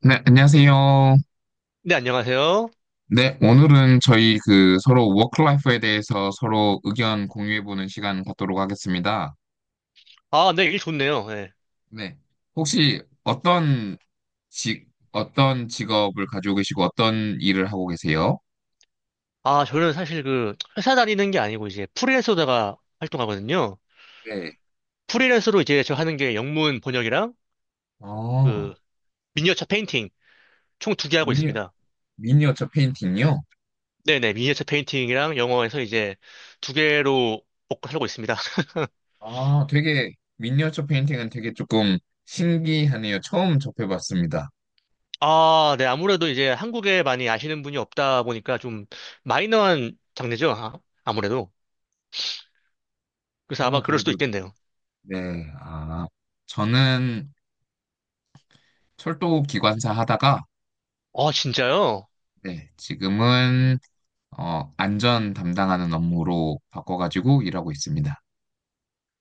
네, 안녕하세요. 네, 안녕하세요. 네, 오늘은 저희 그 서로 워크라이프에 대해서 서로 의견 공유해보는 시간 갖도록 하겠습니다. 아, 네, 일 좋네요. 예. 네, 혹시 어떤 직, 어떤 직업을 가지고 계시고 어떤 일을 하고 계세요? 아, 저는 사실 그 회사 다니는 게 아니고 이제 프리랜서다가 활동하거든요. 네. 프리랜서로 이제 저 하는 게 영문 번역이랑 그 아, 미니어처 페인팅 총 두 개 하고 미니, 있습니다. 미니어처 페인팅이요? 네네, 미니어처 페인팅이랑 영어에서 이제 두 개로 먹고 살고 있습니다. 아, 되게, 미니어처 페인팅은 되게 조금 신기하네요. 처음 접해봤습니다. 아, 네, 아무래도 이제 한국에 많이 아시는 분이 없다 보니까 좀 마이너한 장르죠. 아, 아무래도. 그래서 아마 오, 그럴 수도 그래도, 있겠네요. 네, 아, 저는 철도 기관사 하다가 아, 진짜요? 네, 지금은 안전 담당하는 업무로 바꿔가지고 일하고 있습니다.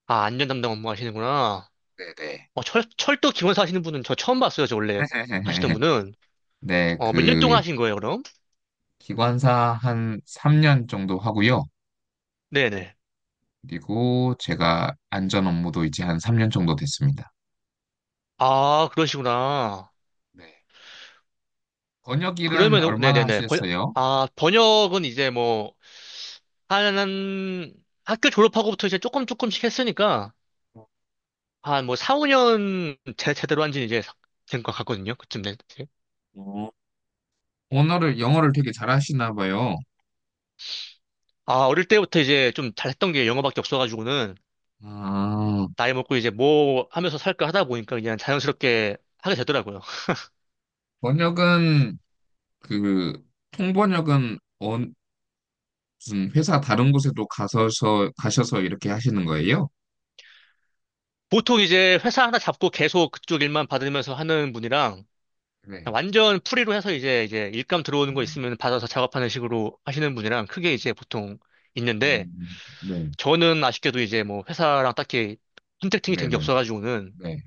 아, 안전 담당 업무 하시는구나. 네네. 어, 철도 기관 사시는 하 분은 저 처음 봤어요. 저 원래 하시던 분은. 네, 어, 몇 년 그 동안 하신 거예요, 그럼? 기관사 한 3년 정도 하고요. 네네. 그리고 제가 안전 업무도 이제 한 3년 정도 됐습니다. 아, 그러시구나. 네. 번역 일은 그러면, 얼마나 네네네. 하셨어요? 아, 번역은 이제 뭐, 한, 학교 졸업하고부터 이제 조금 조금씩 했으니까, 한 뭐, 4, 5년 제대로 한 지는 이제 된 것 같거든요. 그쯤 된. 어, 언어를, 영어를 되게 잘하시나 봐요. 아, 어릴 때부터 이제 좀 잘했던 게 영어밖에 없어가지고는, 아, 나이 먹고 이제 뭐 하면서 살까 하다 보니까 그냥 자연스럽게 하게 되더라고요. 번역은 그 통번역은 무슨 회사 다른 곳에도 가셔서 이렇게 하시는 거예요? 보통 이제 회사 하나 잡고 계속 그쪽 일만 받으면서 하는 분이랑 네, 그냥 완전 프리로 해서 이제 일감 들어오는 거 있으면 받아서 작업하는 식으로 하시는 분이랑 크게 이제 보통 있는데 네, 저는 아쉽게도 이제 뭐 회사랑 딱히 컨택팅이 네, 된 게 네, 없어가지고는 네.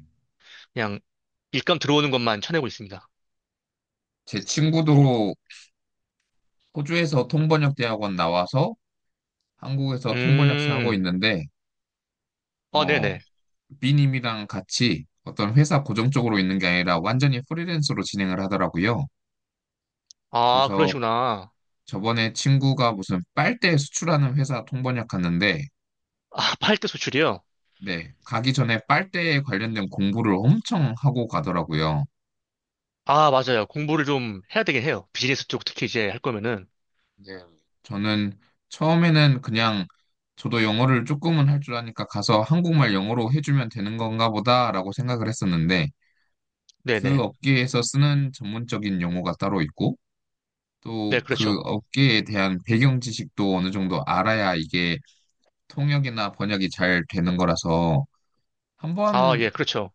그냥 일감 들어오는 것만 쳐내고 있습니다. 제 친구도 호주에서 통번역 대학원 나와서 한국에서 통번역사 하고 음, 있는데, 아, 어, 네네. B님이랑 같이 어떤 회사 고정적으로 있는 게 아니라 완전히 프리랜서로 진행을 하더라고요. 아, 그래서 그러시구나. 저번에 친구가 무슨 빨대 수출하는 회사 통번역 갔는데, 아, 팔대 수출이요? 네, 가기 전에 빨대에 관련된 공부를 엄청 하고 가더라고요. 아, 맞아요. 공부를 좀 해야 되긴 해요. 비즈니스 쪽 특히 이제 할 거면은. 네. 저는 처음에는 그냥 저도 영어를 조금은 할 줄 아니까 가서 한국말 영어로 해주면 되는 건가 보다라고 생각을 했었는데 그 네네. 업계에서 쓰는 전문적인 용어가 따로 있고 네, 또 그 그렇죠. 업계에 대한 배경 지식도 어느 정도 알아야 이게 통역이나 번역이 잘 되는 거라서 아, 한번 예, 그렇죠.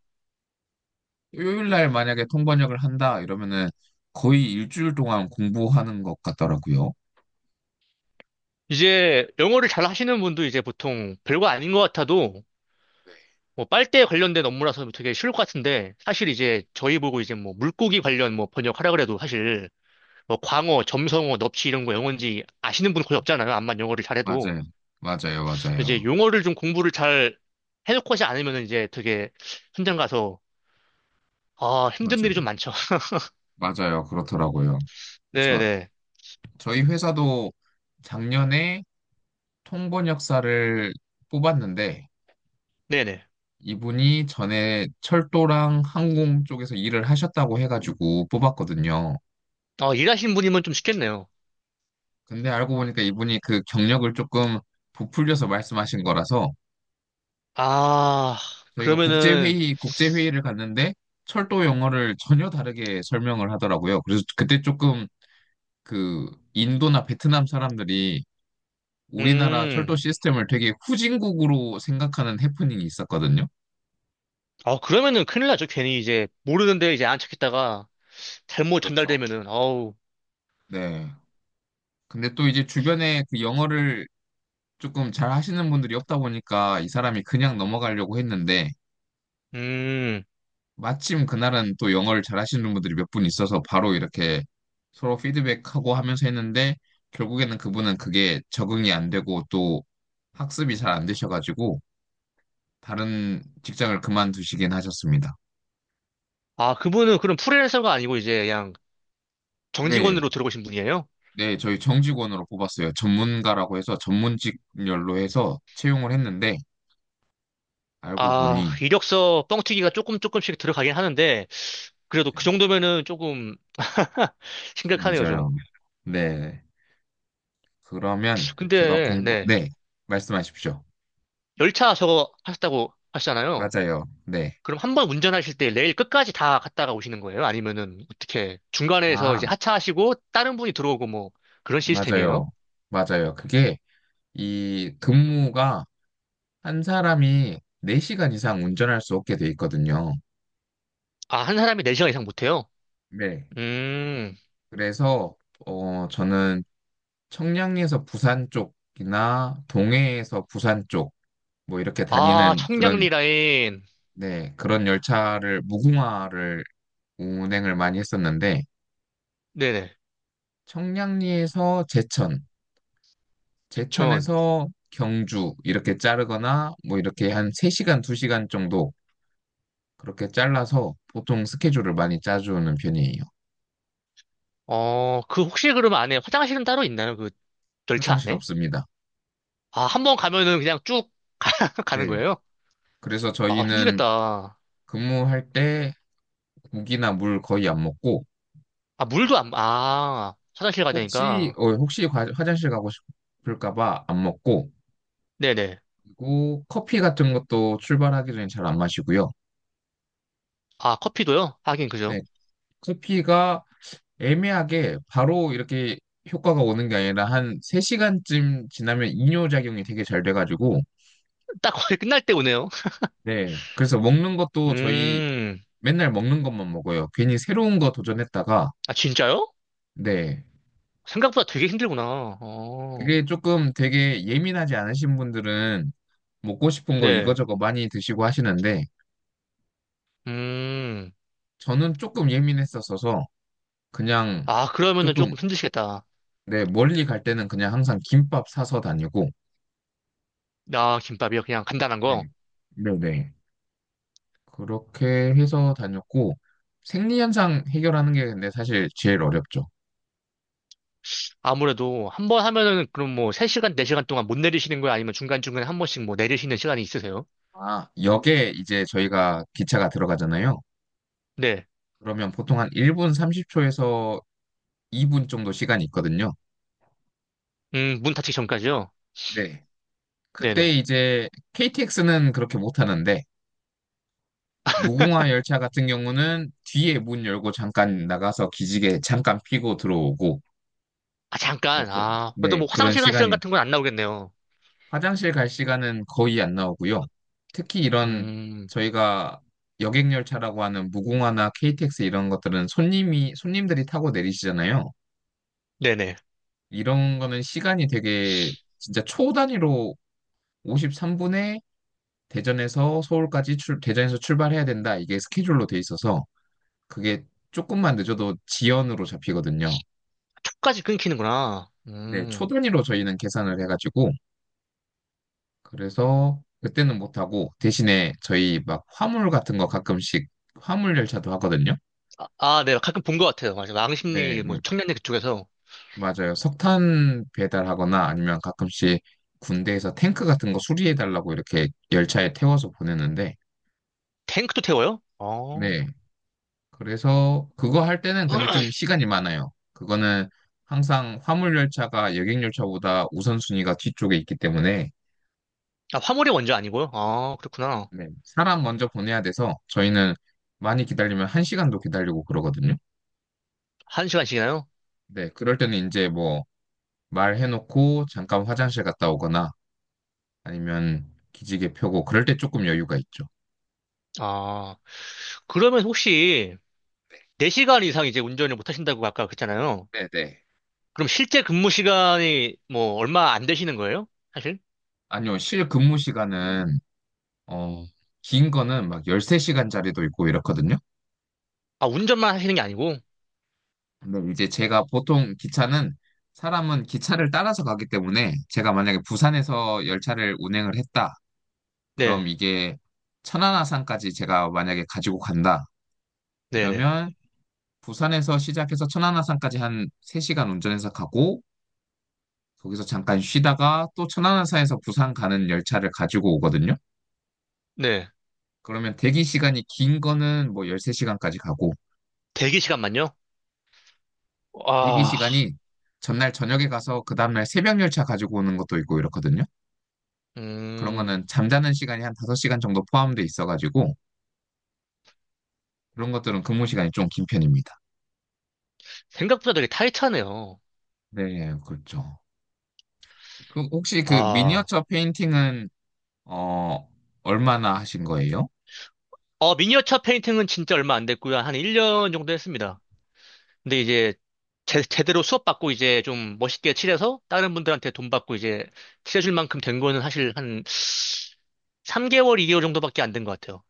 요일 날 만약에 통번역을 한다 이러면은 거의 일주일 동안 공부하는 것 같더라고요. 이제 영어를 잘 하시는 분도 이제 보통 별거 아닌 것 같아도 네. 뭐 빨대 관련된 업무라서 되게 쉬울 것 같은데 사실 이제 저희 보고 이제 뭐 물고기 관련 뭐 번역하라 그래도 사실 뭐 광어, 점성어, 넙치 이런 거 영어인지 아시는 분 거의 없잖아요. 암만 영어를 잘해도. 맞아요. 맞아요. 맞아요. 이제 용어를 좀 공부를 잘 해놓고 하지 않으면 이제 되게 현장 가서 아, 힘든 일이 좀 맞아요. 많죠. 맞아요. 그렇더라고요. 저, 네네. 저희 회사도 작년에 통번역사를 뽑았는데 네네. 이분이 전에 철도랑 항공 쪽에서 일을 하셨다고 해가지고 뽑았거든요. 어, 일하시는 분이면 좀 쉽겠네요. 근데 알고 보니까 이분이 그 경력을 조금 부풀려서 말씀하신 거라서 아, 저희가 그러면은, 국제회의를 갔는데 철도 영어를 전혀 다르게 설명을 하더라고요. 그래서 그때 조금 그 인도나 베트남 사람들이 우리나라 철도 음. 시스템을 되게 후진국으로 생각하는 해프닝이 있었거든요. 아, 그러면은 큰일 나죠. 괜히 이제 네, 모르는데 이제 안 찾겠다가 잘못 그렇죠. 전달되면은 어우. 네. 근데 또 이제 주변에 그 영어를 조금 잘 하시는 분들이 없다 보니까 이 사람이 그냥 넘어가려고 했는데 음. 마침 그날은 또 영어를 잘 하시는 분들이 몇 분 있어서 바로 이렇게 서로 피드백하고 하면서 했는데 결국에는 그분은 그게 적응이 안 되고 또 학습이 잘 안 되셔가지고 다른 직장을 그만두시긴 하셨습니다. 아, 그분은 그럼 프리랜서가 아니고 이제 그냥 네. 정직원으로 들어오신 분이에요? 네, 저희 정직원으로 뽑았어요. 전문가라고 해서 전문직렬로 해서 채용을 했는데 알고 아, 보니 이력서 뻥튀기가 조금 조금씩 들어가긴 하는데 그래도 그 맞아요. 정도면은 조금 심각하네요, 좀. 맞아요. 네. 그러면 제가 근데 공부 네. 네, 말씀하십시오. 열차 저거 하셨다고 하시잖아요. 맞아요. 네. 그럼 한 번 운전하실 때 레일 끝까지 다 갔다가 오시는 거예요? 아니면은 어떻게 중간에서 이제 아, 하차하시고 다른 분이 들어오고 뭐 그런 시스템이에요? 맞아요. 맞아요. 그게 이 근무가 한 사람이 4시간 이상 운전할 수 없게 돼 있거든요. 아, 한 사람이 4시간 이상 못해요? 네. 음, 그래서 저는 청량리에서 부산 쪽이나 동해에서 부산 쪽 뭐 이렇게 아, 다니는 그런 청량리 라인. 네 그런 열차를 무궁화를 운행을 많이 했었는데 네네, 청량리에서 제천, 부천. 제천에서 경주 이렇게 자르거나 뭐 이렇게 한 3시간, 2시간 정도 그렇게 잘라서 보통 스케줄을 많이 짜주는 편이에요. 어, 그 혹시 그러면 안에 화장실은 따로 있나요? 그 열차 화장실 안에? 없습니다. 아, 한 번 가면은 그냥 쭉 가는 네. 거예요? 그래서 아, 저희는 힘들겠다. 근무할 때 국이나 물 거의 안 먹고 아, 물도 안, 아, 화장실 가야 되니까. 혹시 화장실 가고 싶을까 봐 안 먹고 네네. 그리고 커피 같은 것도 출발하기 전에 잘 안 마시고요. 아, 커피도요? 하긴, 네, 그죠? 커피가 애매하게 바로 이렇게 효과가 오는 게 아니라 한 3시간쯤 지나면 이뇨작용이 되게 잘 돼가지고, 딱 거의 끝날 때 오네요. 네, 그래서 먹는 것도 저희 음, 맨날 먹는 것만 먹어요. 괜히 새로운 거 도전했다가, 아, 진짜요? 네, 생각보다 되게 힘들구나. 어, 그게 조금 되게 예민하지 않으신 분들은 먹고 싶은 거 네. 이거저거 많이 드시고 하시는데, 음, 저는 조금 예민했었어서 그냥 아, 그러면은 조금 조금 힘드시겠다. 네, 멀리 갈 때는 그냥 항상 김밥 사서 다니고, 아, 김밥이요? 그냥 간단한 거? 네, 네네. 그렇게 해서 다녔고, 생리현상 해결하는 게 근데 사실 제일 어렵죠. 아무래도 한번 하면은 그럼 뭐 3시간, 4시간 동안 못 내리시는 거예요? 아니면 중간중간에 한 번씩 뭐 내리시는 시간이 있으세요? 아, 역에 이제 저희가 기차가 들어가잖아요. 네. 그러면 보통 한 1분 30초에서 2분 정도 시간이 있거든요. 문 닫히기 전까지요? 네. 그때 네네. 이제 KTX는 그렇게 못 하는데, 무궁화 열차 같은 경우는 뒤에 문 열고 잠깐 나가서 기지개 잠깐 피고 들어오고, 아, 네, 잠깐. 그런 아, 그래도 네, 뭐 그런 화장실 간 시간 시간이 같은 건 안 나오겠네요. 화장실 갈 시간은 거의 안 나오고요. 특히 이런 음, 저희가 여객열차라고 하는 무궁화나 KTX 이런 것들은 손님들이 타고 내리시잖아요. 네네. 이런 거는 시간이 되게 진짜 초 단위로 53분에 대전에서 출발해야 된다. 이게 스케줄로 돼 있어서 그게 조금만 늦어도 지연으로 잡히거든요. 촉까지 끊기는구나. 네, 초 음. 단위로 저희는 계산을 해가지고 그래서 그때는 못하고 대신에 저희 막 화물 같은 거 가끔씩 화물 열차도 하거든요. 아, 아, 네. 가끔 본 것 같아요. 맞아요. 네, 왕십리, 뭐, 청량리 그쪽에서. 맞아요. 석탄 배달하거나 아니면 가끔씩 군대에서 탱크 같은 거 수리해달라고 이렇게 열차에 태워서 보내는데, 탱크도 태워요? 어. 네. 그래서 그거 할 때는 근데 좀 시간이 많아요. 그거는 항상 화물 열차가 여객 열차보다 우선순위가 뒤쪽에 있기 때문에, 아, 화물이 먼저 아니고요? 아, 그렇구나. 네, 사람 먼저 보내야 돼서 저희는 많이 기다리면 한시간도 기다리고 그러거든요. 한 시간씩이나요? 네, 그럴 때는 이제 뭐 말해놓고 잠깐 화장실 갔다 오거나 아니면 기지개 펴고 그럴 때 조금 여유가 있죠. 아, 그러면 혹시 4시간 이상 이제 운전을 못 하신다고 아까 그랬잖아요. 네, 네. 그럼 실제 근무 시간이 뭐 얼마 안 되시는 거예요? 사실? 아니요, 실 근무 시간은 어, 긴 거는 막 13시간짜리도 있고 이렇거든요. 아, 운전만 하시는 게 아니고? 근데 이제 제가 보통 기차는 사람은 기차를 따라서 가기 때문에 제가 만약에 부산에서 열차를 운행을 했다. 네, 그럼 이게 천안아산까지 제가 만약에 가지고 간다. 네네, 이러면 부산에서 시작해서 천안아산까지 한 3시간 운전해서 가고 거기서 잠깐 쉬다가 또 천안함사에서 부산 가는 열차를 가지고 오거든요. 네. 그러면 대기 시간이 긴 거는 뭐 13시간까지 가고, 대기 시간만요? 대기 아, 시간이 전날 저녁에 가서 그 다음날 새벽 열차 가지고 오는 것도 있고 이렇거든요. 그런 음, 거는 잠자는 시간이 한 5시간 정도 포함돼 있어가지고, 그런 것들은 근무 시간이 좀 긴 편입니다. 생각보다 되게 타이트하네요. 네, 그렇죠. 그 혹시 그 아, 미니어처 페인팅은, 어, 얼마나 하신 거예요? 어, 미니어처 페인팅은 진짜 얼마 안 됐고요. 한 1년 정도 했습니다. 근데 이제 제대로 수업받고 이제 좀 멋있게 칠해서 다른 분들한테 돈 받고 이제 칠해줄 만큼 된 거는 사실 한 3개월, 2개월 정도밖에 안 된 것 같아요.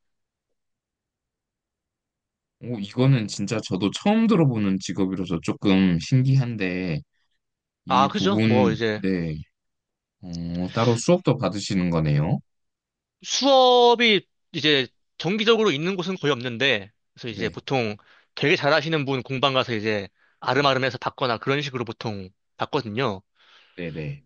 오, 이거는 진짜 저도 처음 들어보는 직업이라서 조금 신기한데, 아, 이 그죠? 뭐 부분, 이제 네. 따로 수업도 받으시는 거네요. 수업이 이제 정기적으로 있는 곳은 거의 없는데, 그래서 이제 네. 보통 되게 잘하시는 분 공방 가서 이제 아름아름해서 받거나 그런 식으로 보통 받거든요. 네네.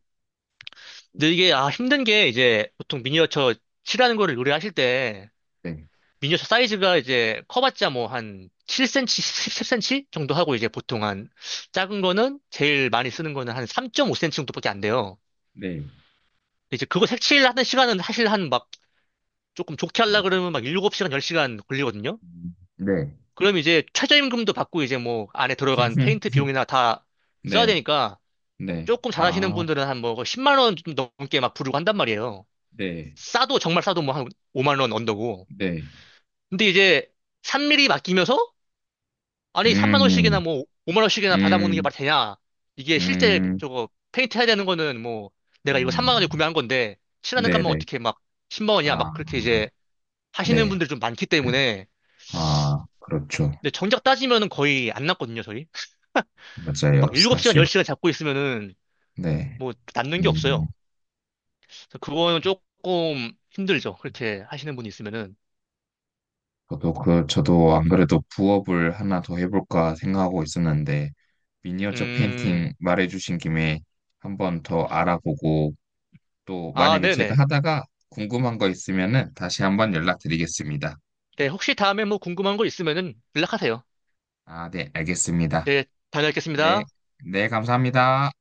근데 이게 아 힘든 게 이제 보통 미니어처 칠하는 거를 요리하실 때 네. 미니어처 사이즈가 이제 커봤자 뭐 한 7cm, 10cm 정도 하고 이제 보통 한 작은 거는 제일 많이 쓰는 거는 한 3.5cm 정도밖에 안 돼요. 네. 이제 그거 색칠하는 시간은 사실 한 막 조금 좋게 하려 음, 그러면 막 7시간, 10시간 걸리거든요. 네. 그럼 이제 최저임금도 받고 이제 뭐 안에 들어간 페인트 비용이나 다 써야 네. 되니까 네. 조금 잘하시는 아, 분들은 한 뭐 10만 원 좀 넘게 막 부르고 한단 말이에요. 네. 싸도 정말 싸도 뭐 한 5만 원 언더고. 네. 근데 이제 3mm 맡기면서 아니 3만 원씩이나 음, 뭐 5만 원씩이나 받아먹는 게 음, 말이 되냐. 이게 실제 음, 저거 페인트 해야 되는 거는 뭐 내가 이거 음. 3만 원에 구매한 건데 칠하는 값만 네네. 어떻게 막 10만 원이야 아, 막 그렇게 이제 하시는 네. 분들이 좀 많기 때문에 아, 그렇죠. 근데 정작 따지면은 거의 안 났거든요 저희. 맞아요. 막 일곱 시간 열 사실. 시간 잡고 있으면은 네. 뭐 남는 게 음. 없어요. 그래서 그거는 조금 힘들죠. 그렇게 하시는 분이 있으면은. 저도 안 그래도 부업을 하나 더 해볼까 생각하고 있었는데 미니어처 음, 페인팅 말해주신 김에 한번 더 알아보고 또 아, 만약에 제가 네네. 하다가 궁금한 거 있으면은 다시 한번 연락드리겠습니다. 네, 혹시 다음에 뭐 궁금한 거 있으면은 연락하세요. 아, 네, 알겠습니다. 네, 네, 다녀오겠습니다. 네, 감사합니다.